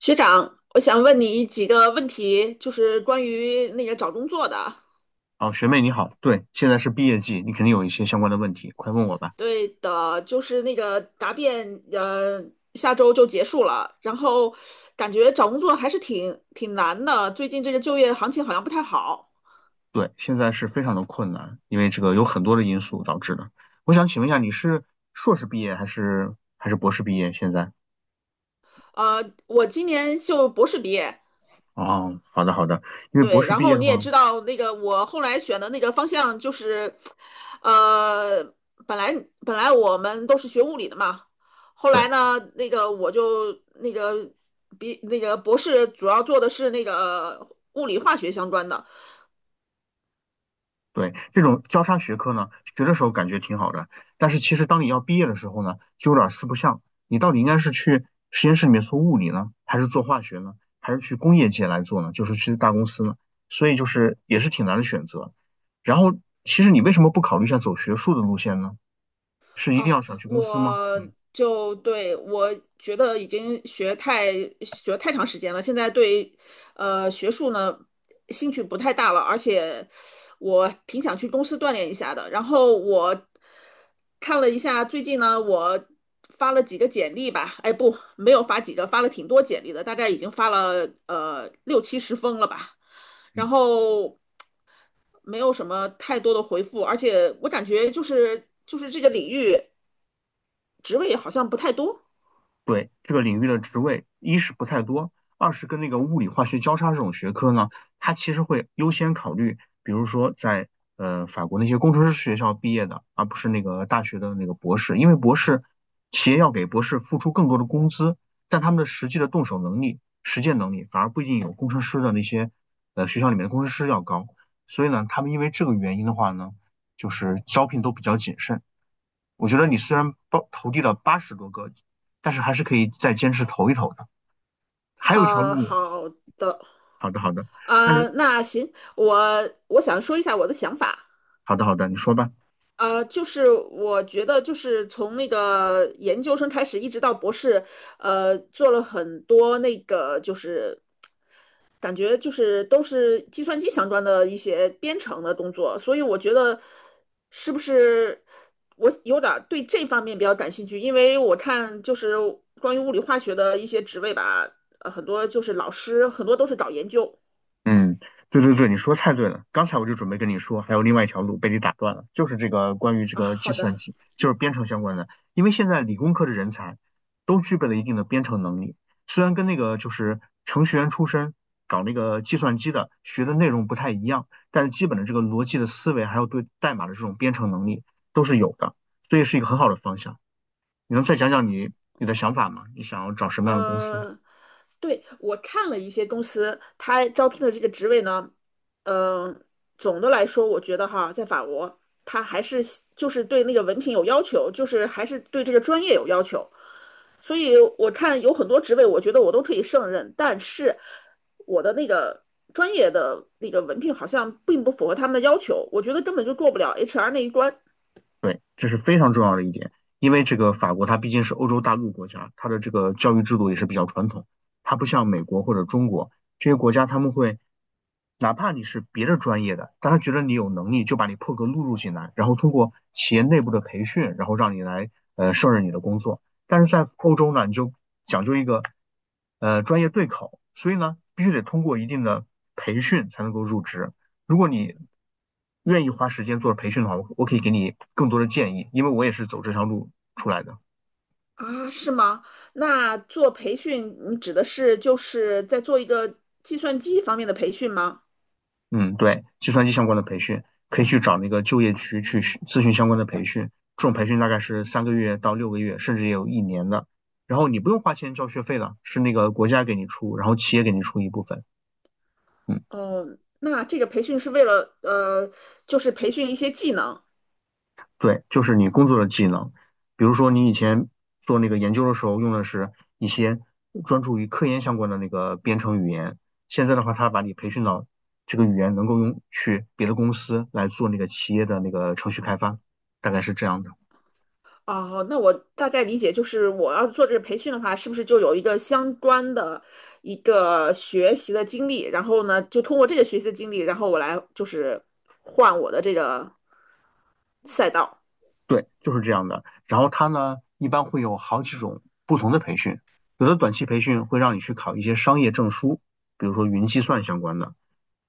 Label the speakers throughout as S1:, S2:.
S1: 学长，我想问你几个问题，就是关于那个找工作的。
S2: 哦，学妹你好，对，现在是毕业季，你肯定有一些相关的问题，快问我吧。
S1: 对的，就是那个答辩，下周就结束了。然后感觉找工作还是挺难的，最近这个就业行情好像不太好。
S2: 对，现在是非常的困难，因为这个有很多的因素导致的。我想请问一下，你是硕士毕业还是博士毕业？现在？
S1: 我今年就博士毕业，
S2: 哦，好的好的，因为博
S1: 对，
S2: 士
S1: 然
S2: 毕业
S1: 后
S2: 的
S1: 你也
S2: 话，
S1: 知道，那个我后来选的那个方向就是，呃，本来本来我们都是学物理的嘛，后
S2: 对。
S1: 来呢，那个我就那个比那个博士主要做的是那个物理化学相关的。
S2: 对，这种交叉学科呢，学的时候感觉挺好的，但是其实当你要毕业的时候呢，就有点四不像。你到底应该是去实验室里面做物理呢，还是做化学呢，还是去工业界来做呢？就是去大公司呢？所以就是也是挺难的选择。然后，其实你为什么不考虑一下走学术的路线呢？是一定
S1: 哦，
S2: 要想去公司吗？嗯
S1: 我就对我觉得已经学太长时间了，现在对学术呢兴趣不太大了，而且我挺想去公司锻炼一下的。然后我看了一下，最近呢我发了几个简历吧，哎不，没有发几个，发了挺多简历的，大概已经发了六七十封了吧。然
S2: 嗯。
S1: 后没有什么太多的回复，而且我感觉就是这个领域职位好像不太多。
S2: 对这个领域的职位，一是不太多，二是跟那个物理、化学交叉这种学科呢，它其实会优先考虑，比如说在法国那些工程师学校毕业的，而不是那个大学的那个博士，因为博士企业要给博士付出更多的工资，但他们的实际的动手能力、实践能力反而不一定有工程师的那些学校里面的工程师要高，所以呢，他们因为这个原因的话呢，就是招聘都比较谨慎。我觉得你虽然投递了80多个，但是还是可以再坚持投一投的。还有一条路，
S1: 好的。
S2: 好的好的，但是
S1: 那行，我想说一下我的想法。
S2: 好的好的，你说吧。
S1: 就是我觉得，就是从那个研究生开始，一直到博士，做了很多那个就是感觉就是都是计算机相关的一些编程的工作，所以我觉得是不是我有点儿对这方面比较感兴趣，因为我看就是关于物理化学的一些职位吧，很多就是老师，很多都是搞研究。
S2: 嗯，对对对，你说太对了。刚才我就准备跟你说，还有另外一条路被你打断了，就是这个关于这
S1: 啊，
S2: 个计
S1: 好
S2: 算
S1: 的。
S2: 机，就是编程相关的。因为现在理工科的人才都具备了一定的编程能力，虽然跟那个就是程序员出身搞那个计算机的学的内容不太一样，但是基本的这个逻辑的思维，还有对代码的这种编程能力都是有的，所以是一个很好的方向。你能再讲讲你的想法吗？你想要找什么样的公司？
S1: 嗯。对，我看了一些公司，他招聘的这个职位呢，嗯、总的来说，我觉得哈，在法国，他还是就是对那个文凭有要求，就是还是对这个专业有要求。所以我看有很多职位，我觉得我都可以胜任，但是我的那个专业的那个文凭好像并不符合他们的要求，我觉得根本就过不了 HR 那一关。
S2: 对，这是非常重要的一点，因为这个法国它毕竟是欧洲大陆国家，它的这个教育制度也是比较传统，它不像美国或者中国这些国家，他们会哪怕你是别的专业的，但他觉得你有能力，就把你破格录入进来，然后通过企业内部的培训，然后让你来胜任你的工作。但是在欧洲呢，你就讲究一个专业对口，所以呢，必须得通过一定的培训才能够入职。如果你愿意花时间做培训的话，我可以给你更多的建议，因为我也是走这条路出来的。
S1: 啊，是吗？那做培训，你指的是就是在做一个计算机方面的培训吗？
S2: 嗯，对，计算机相关的培训，可以去找那个就业区去咨询相关的培训。这种培训大概是3个月到6个月，甚至也有一年的。然后你不用花钱交学费的，是那个国家给你出，然后企业给你出一部分。嗯，
S1: 呃，那这个培训是为了就是培训一些技能。
S2: 对，就是你工作的技能，比如说你以前做那个研究的时候用的是一些专注于科研相关的那个编程语言，现在的话，他把你培训到这个语言能够用去别的公司来做那个企业的那个程序开发，大概是这样的。
S1: 啊，那我大概理解，就是我要做这个培训的话，是不是就有一个相关的一个学习的经历？然后呢，就通过这个学习的经历，然后我来就是换我的这个赛道。
S2: 对，就是这样的。然后它呢，一般会有好几种不同的培训，有的短期培训会让你去考一些商业证书，比如说云计算相关的。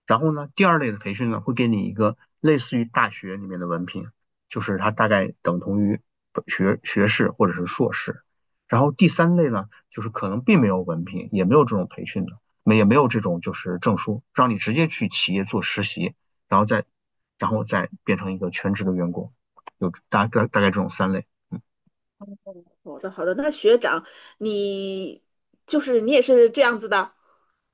S2: 然后呢，第二类的培训呢，会给你一个类似于大学里面的文凭，就是它大概等同于学士或者是硕士。然后第三类呢，就是可能并没有文凭，也没有这种培训的，没也没有这种就是证书，让你直接去企业做实习，然后再变成一个全职的员工，有大概这种三类。
S1: 好的，好的。那学长，你就是你也是这样子的。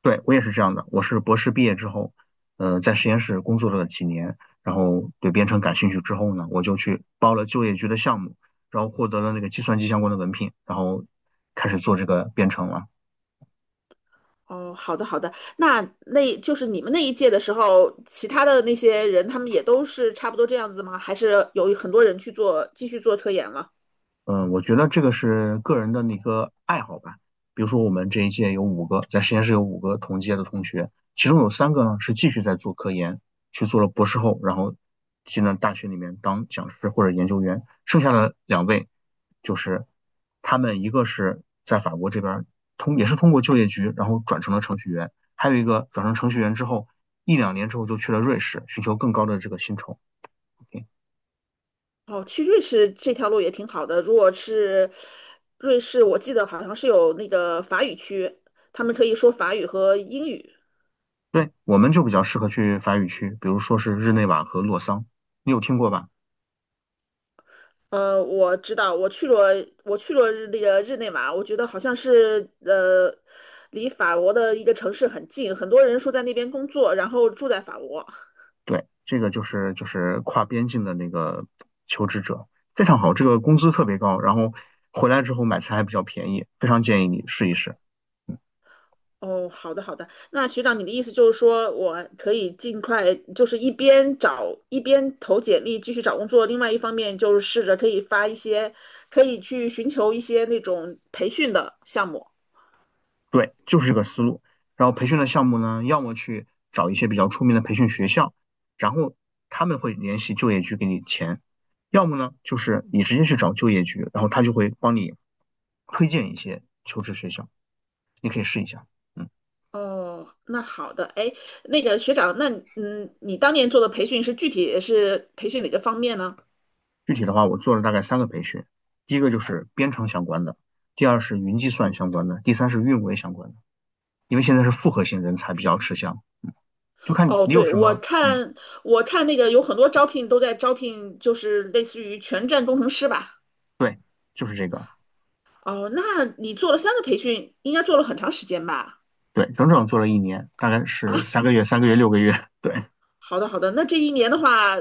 S2: 对，我也是这样的，我是博士毕业之后，在实验室工作了几年，然后对编程感兴趣之后呢，我就去报了就业局的项目，然后获得了那个计算机相关的文凭，然后开始做这个编程了。
S1: 哦，好的好的。那那就是你们那一届的时候，其他的那些人，他们也都是差不多这样子吗？还是有很多人去做，继续做科研了？
S2: 嗯，我觉得这个是个人的那个爱好吧。比如说，我们这一届有五个，在实验室有五个同届的同学，其中有三个呢是继续在做科研，去做了博士后，然后进了大学里面当讲师或者研究员。剩下的2位就是他们一个是在法国这边也是通过就业局，然后转成了程序员，还有一个转成程序员之后一两年之后就去了瑞士，寻求更高的这个薪酬。OK
S1: 哦，去瑞士这条路也挺好的。如果是瑞士，我记得好像是有那个法语区，他们可以说法语和英语。
S2: 对，我们就比较适合去法语区，比如说是日内瓦和洛桑，你有听过吧？
S1: 我知道，我去了日那个日内瓦，我觉得好像是离法国的一个城市很近，很多人说在那边工作，然后住在法国。
S2: 对，这个就是跨边境的那个求职者，非常好，这个工资特别高，然后回来之后买菜还比较便宜，非常建议你试一试。
S1: 哦，好的好的。那学长，你的意思就是说，我可以尽快，就是一边找一边投简历继续找工作，另外一方面就是试着可以发一些，可以去寻求一些那种培训的项目。
S2: 对，就是这个思路。然后培训的项目呢，要么去找一些比较出名的培训学校，然后他们会联系就业局给你钱；要么呢，就是你直接去找就业局，然后他就会帮你推荐一些求职学校，你可以试一下。嗯，
S1: 哦，那好的。哎，那个学长，那你当年做的培训是具体是培训哪个方面呢？
S2: 具体的话，我做了大概3个培训，第一个就是编程相关的，第二是云计算相关的，第三是运维相关的。因为现在是复合型人才比较吃香，就看
S1: 哦，
S2: 你有
S1: 对，
S2: 什
S1: 我
S2: 么，嗯，
S1: 看我看那个有很多招聘都在招聘，就是类似于全站工程师吧。
S2: 对，就是这个。
S1: 哦，那你做了三个培训，应该做了很长时间吧？
S2: 对，整整做了一年，大概是3个月、3个月、6个月。对，
S1: 好的，好的。那这一年的话，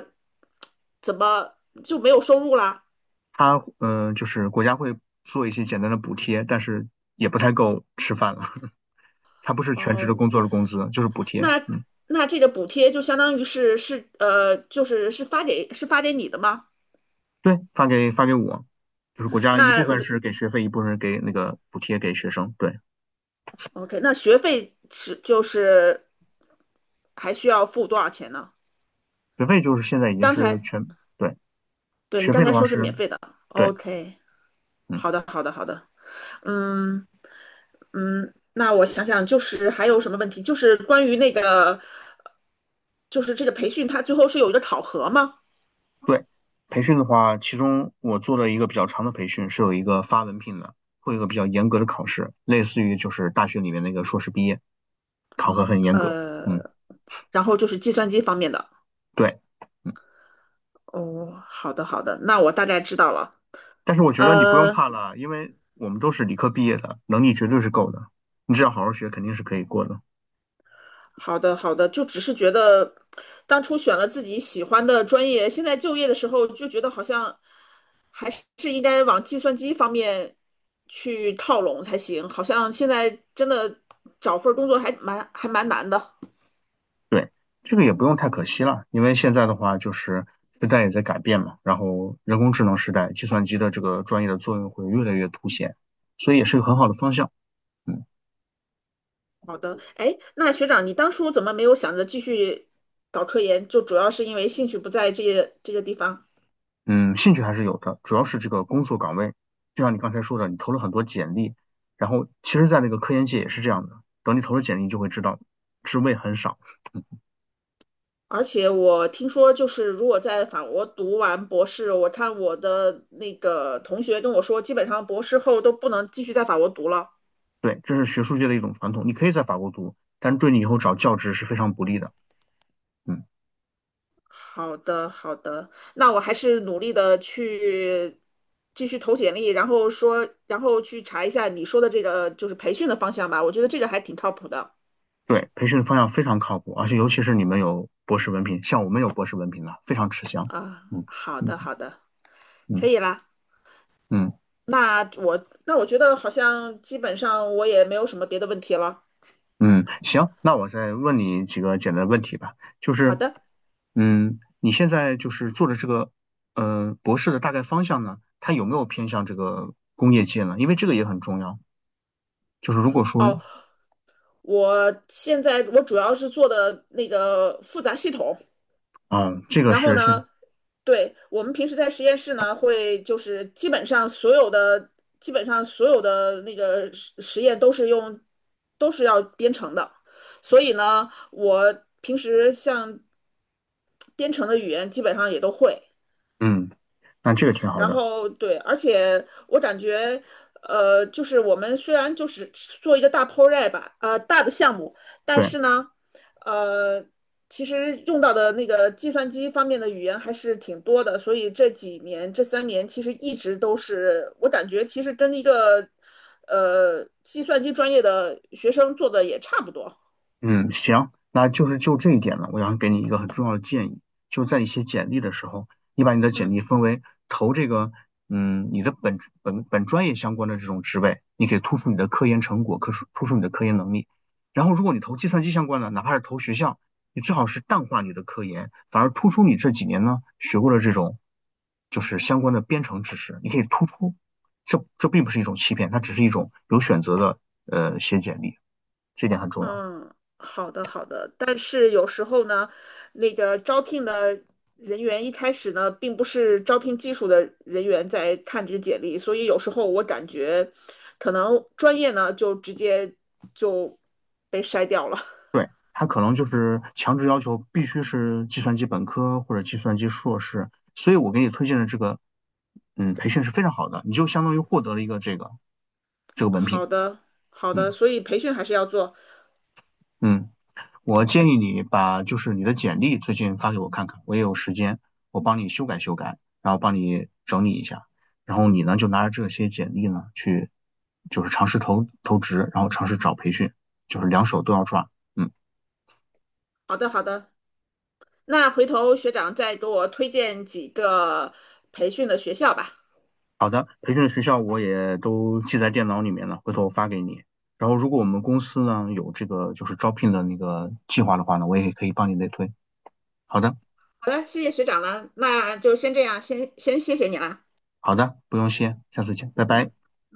S1: 怎么就没有收入啦？
S2: 就是国家会做一些简单的补贴，但是也不太够吃饭了。他不是全职的
S1: 哦，
S2: 工作的工资，就是补贴。
S1: 那
S2: 嗯，
S1: 那这个补贴就相当于就是是发给你的吗？
S2: 对，发给我，就是国家一
S1: 那
S2: 部分
S1: 如
S2: 是给学费，一部分是给那个补贴给学生。对，
S1: OK，那学费是就是还需要付多少钱呢？
S2: 学费就是现在已
S1: 你
S2: 经
S1: 刚
S2: 是
S1: 才
S2: 全，对，
S1: 对你
S2: 学
S1: 刚
S2: 费的
S1: 才
S2: 话
S1: 说是
S2: 是，
S1: 免费的
S2: 对，
S1: ，OK，
S2: 嗯。
S1: 好的，好的，好的，嗯。嗯，那我想想，就是还有什么问题？就是关于那个，就是这个培训，它最后是有一个考核吗？
S2: 对，培训的话，其中我做了一个比较长的培训，是有一个发文凭的，会有一个比较严格的考试，类似于就是大学里面那个硕士毕业，考核很严格。嗯，
S1: 呃，然后就是计算机方面的。
S2: 对，嗯，
S1: 哦，好的好的，那我大概知道了。
S2: 但是我觉得你不用
S1: 呃，
S2: 怕了，因为我们都是理科毕业的，能力绝对是够的，你只要好好学，肯定是可以过的。
S1: 好的好的，就只是觉得当初选了自己喜欢的专业，现在就业的时候就觉得好像还是应该往计算机方面去靠拢才行，好像现在真的找份儿工作还蛮难的。
S2: 对，这个也不用太可惜了，因为现在的话就是时代也在改变嘛，然后人工智能时代，计算机的这个专业的作用会越来越凸显，所以也是个很好的方向。嗯。
S1: 好的，哎，那学长，你当初怎么没有想着继续搞科研？就主要是因为兴趣不在这些这个地方。
S2: 嗯，兴趣还是有的，主要是这个工作岗位，就像你刚才说的，你投了很多简历，然后其实，在那个科研界也是这样的，等你投了简历，你就会知道职位很少。
S1: 而且我听说，就是如果在法国读完博士，我看我的那个同学跟我说，基本上博士后都不能继续在法国读了。
S2: 对，这是学术界的一种传统。你可以在法国读，但是对你以后找教职是非常不利的。嗯，
S1: 好的，好的，那我还是努力的去继续投简历，然后说，然后去查一下你说的这个就是培训的方向吧，我觉得这个还挺靠谱的。
S2: 对，培训方向非常靠谱，而且尤其是你们有博士文凭，像我们有博士文凭的，非常吃香。
S1: 啊，
S2: 嗯
S1: 好的，
S2: 嗯。
S1: 好的，可
S2: 嗯
S1: 以啦。
S2: 嗯。
S1: 那我那我觉得好像基本上我也没有什么别的问题了。
S2: 嗯，行，那我再问你几个简单的问题吧，就
S1: 好
S2: 是，
S1: 的。
S2: 嗯，你现在就是做的这个，呃，博士的大概方向呢，它有没有偏向这个工业界呢？因为这个也很重要。就是如果说，
S1: 哦，我现在我主要是做的那个复杂系统，
S2: 嗯，这个
S1: 然后
S2: 是现，
S1: 呢，对，我们平时在实验室呢，会就是基本上所有的那个实实验都是要编程的，所
S2: 嗯，
S1: 以呢，我平时像编程的语言基本上也都会，
S2: 嗯，那这个挺好
S1: 然
S2: 的。
S1: 后对，而且我感觉，就是我们虽然就是做一个大 project 吧，大的项目，但
S2: 对。
S1: 是呢，呃，其实用到的那个计算机方面的语言还是挺多的，所以这几年这三年其实一直都是我感觉其实跟一个计算机专业的学生做的也差不多。
S2: 嗯，行，那就是就这一点呢，我想给你一个很重要的建议，就在你写简历的时候，你把你的简
S1: 嗯。
S2: 历分为投这个，嗯，你的本专业相关的这种职位，你可以突出你的科研成果，突出你的科研能力。然后，如果你投计算机相关的，哪怕是投学校，你最好是淡化你的科研，反而突出你这几年呢学过的这种，就是相关的编程知识，你可以突出。这并不是一种欺骗，它只是一种有选择的写简历，这点很重要。
S1: 嗯，好的好的，但是有时候呢，那个招聘的人员一开始呢，并不是招聘技术的人员在看这个简历，所以有时候我感觉，可能专业呢就直接就被筛掉了。
S2: 他可能就是强制要求必须是计算机本科或者计算机硕士，所以我给你推荐的这个，嗯，培训是非常好的，你就相当于获得了一个这个文凭，
S1: 好的好
S2: 嗯
S1: 的，所以培训还是要做。
S2: 嗯，我建议你把就是你的简历最近发给我看看，我也有时间，我帮你修改修改，然后帮你整理一下，然后你呢就拿着这些简历呢去，就是尝试投投职，然后尝试找培训，就是两手都要抓，嗯。
S1: 好的好的，那回头学长再给我推荐几个培训的学校吧。
S2: 培训的学校我也都记在电脑里面了，回头我发给你。然后如果我们公司呢有这个就是招聘的那个计划的话呢，我也可以帮你内推。好的，
S1: 好的，谢谢学长了，那就先这样，先谢谢你啦。
S2: 好的，不用谢，下次见，拜
S1: 嗯。
S2: 拜。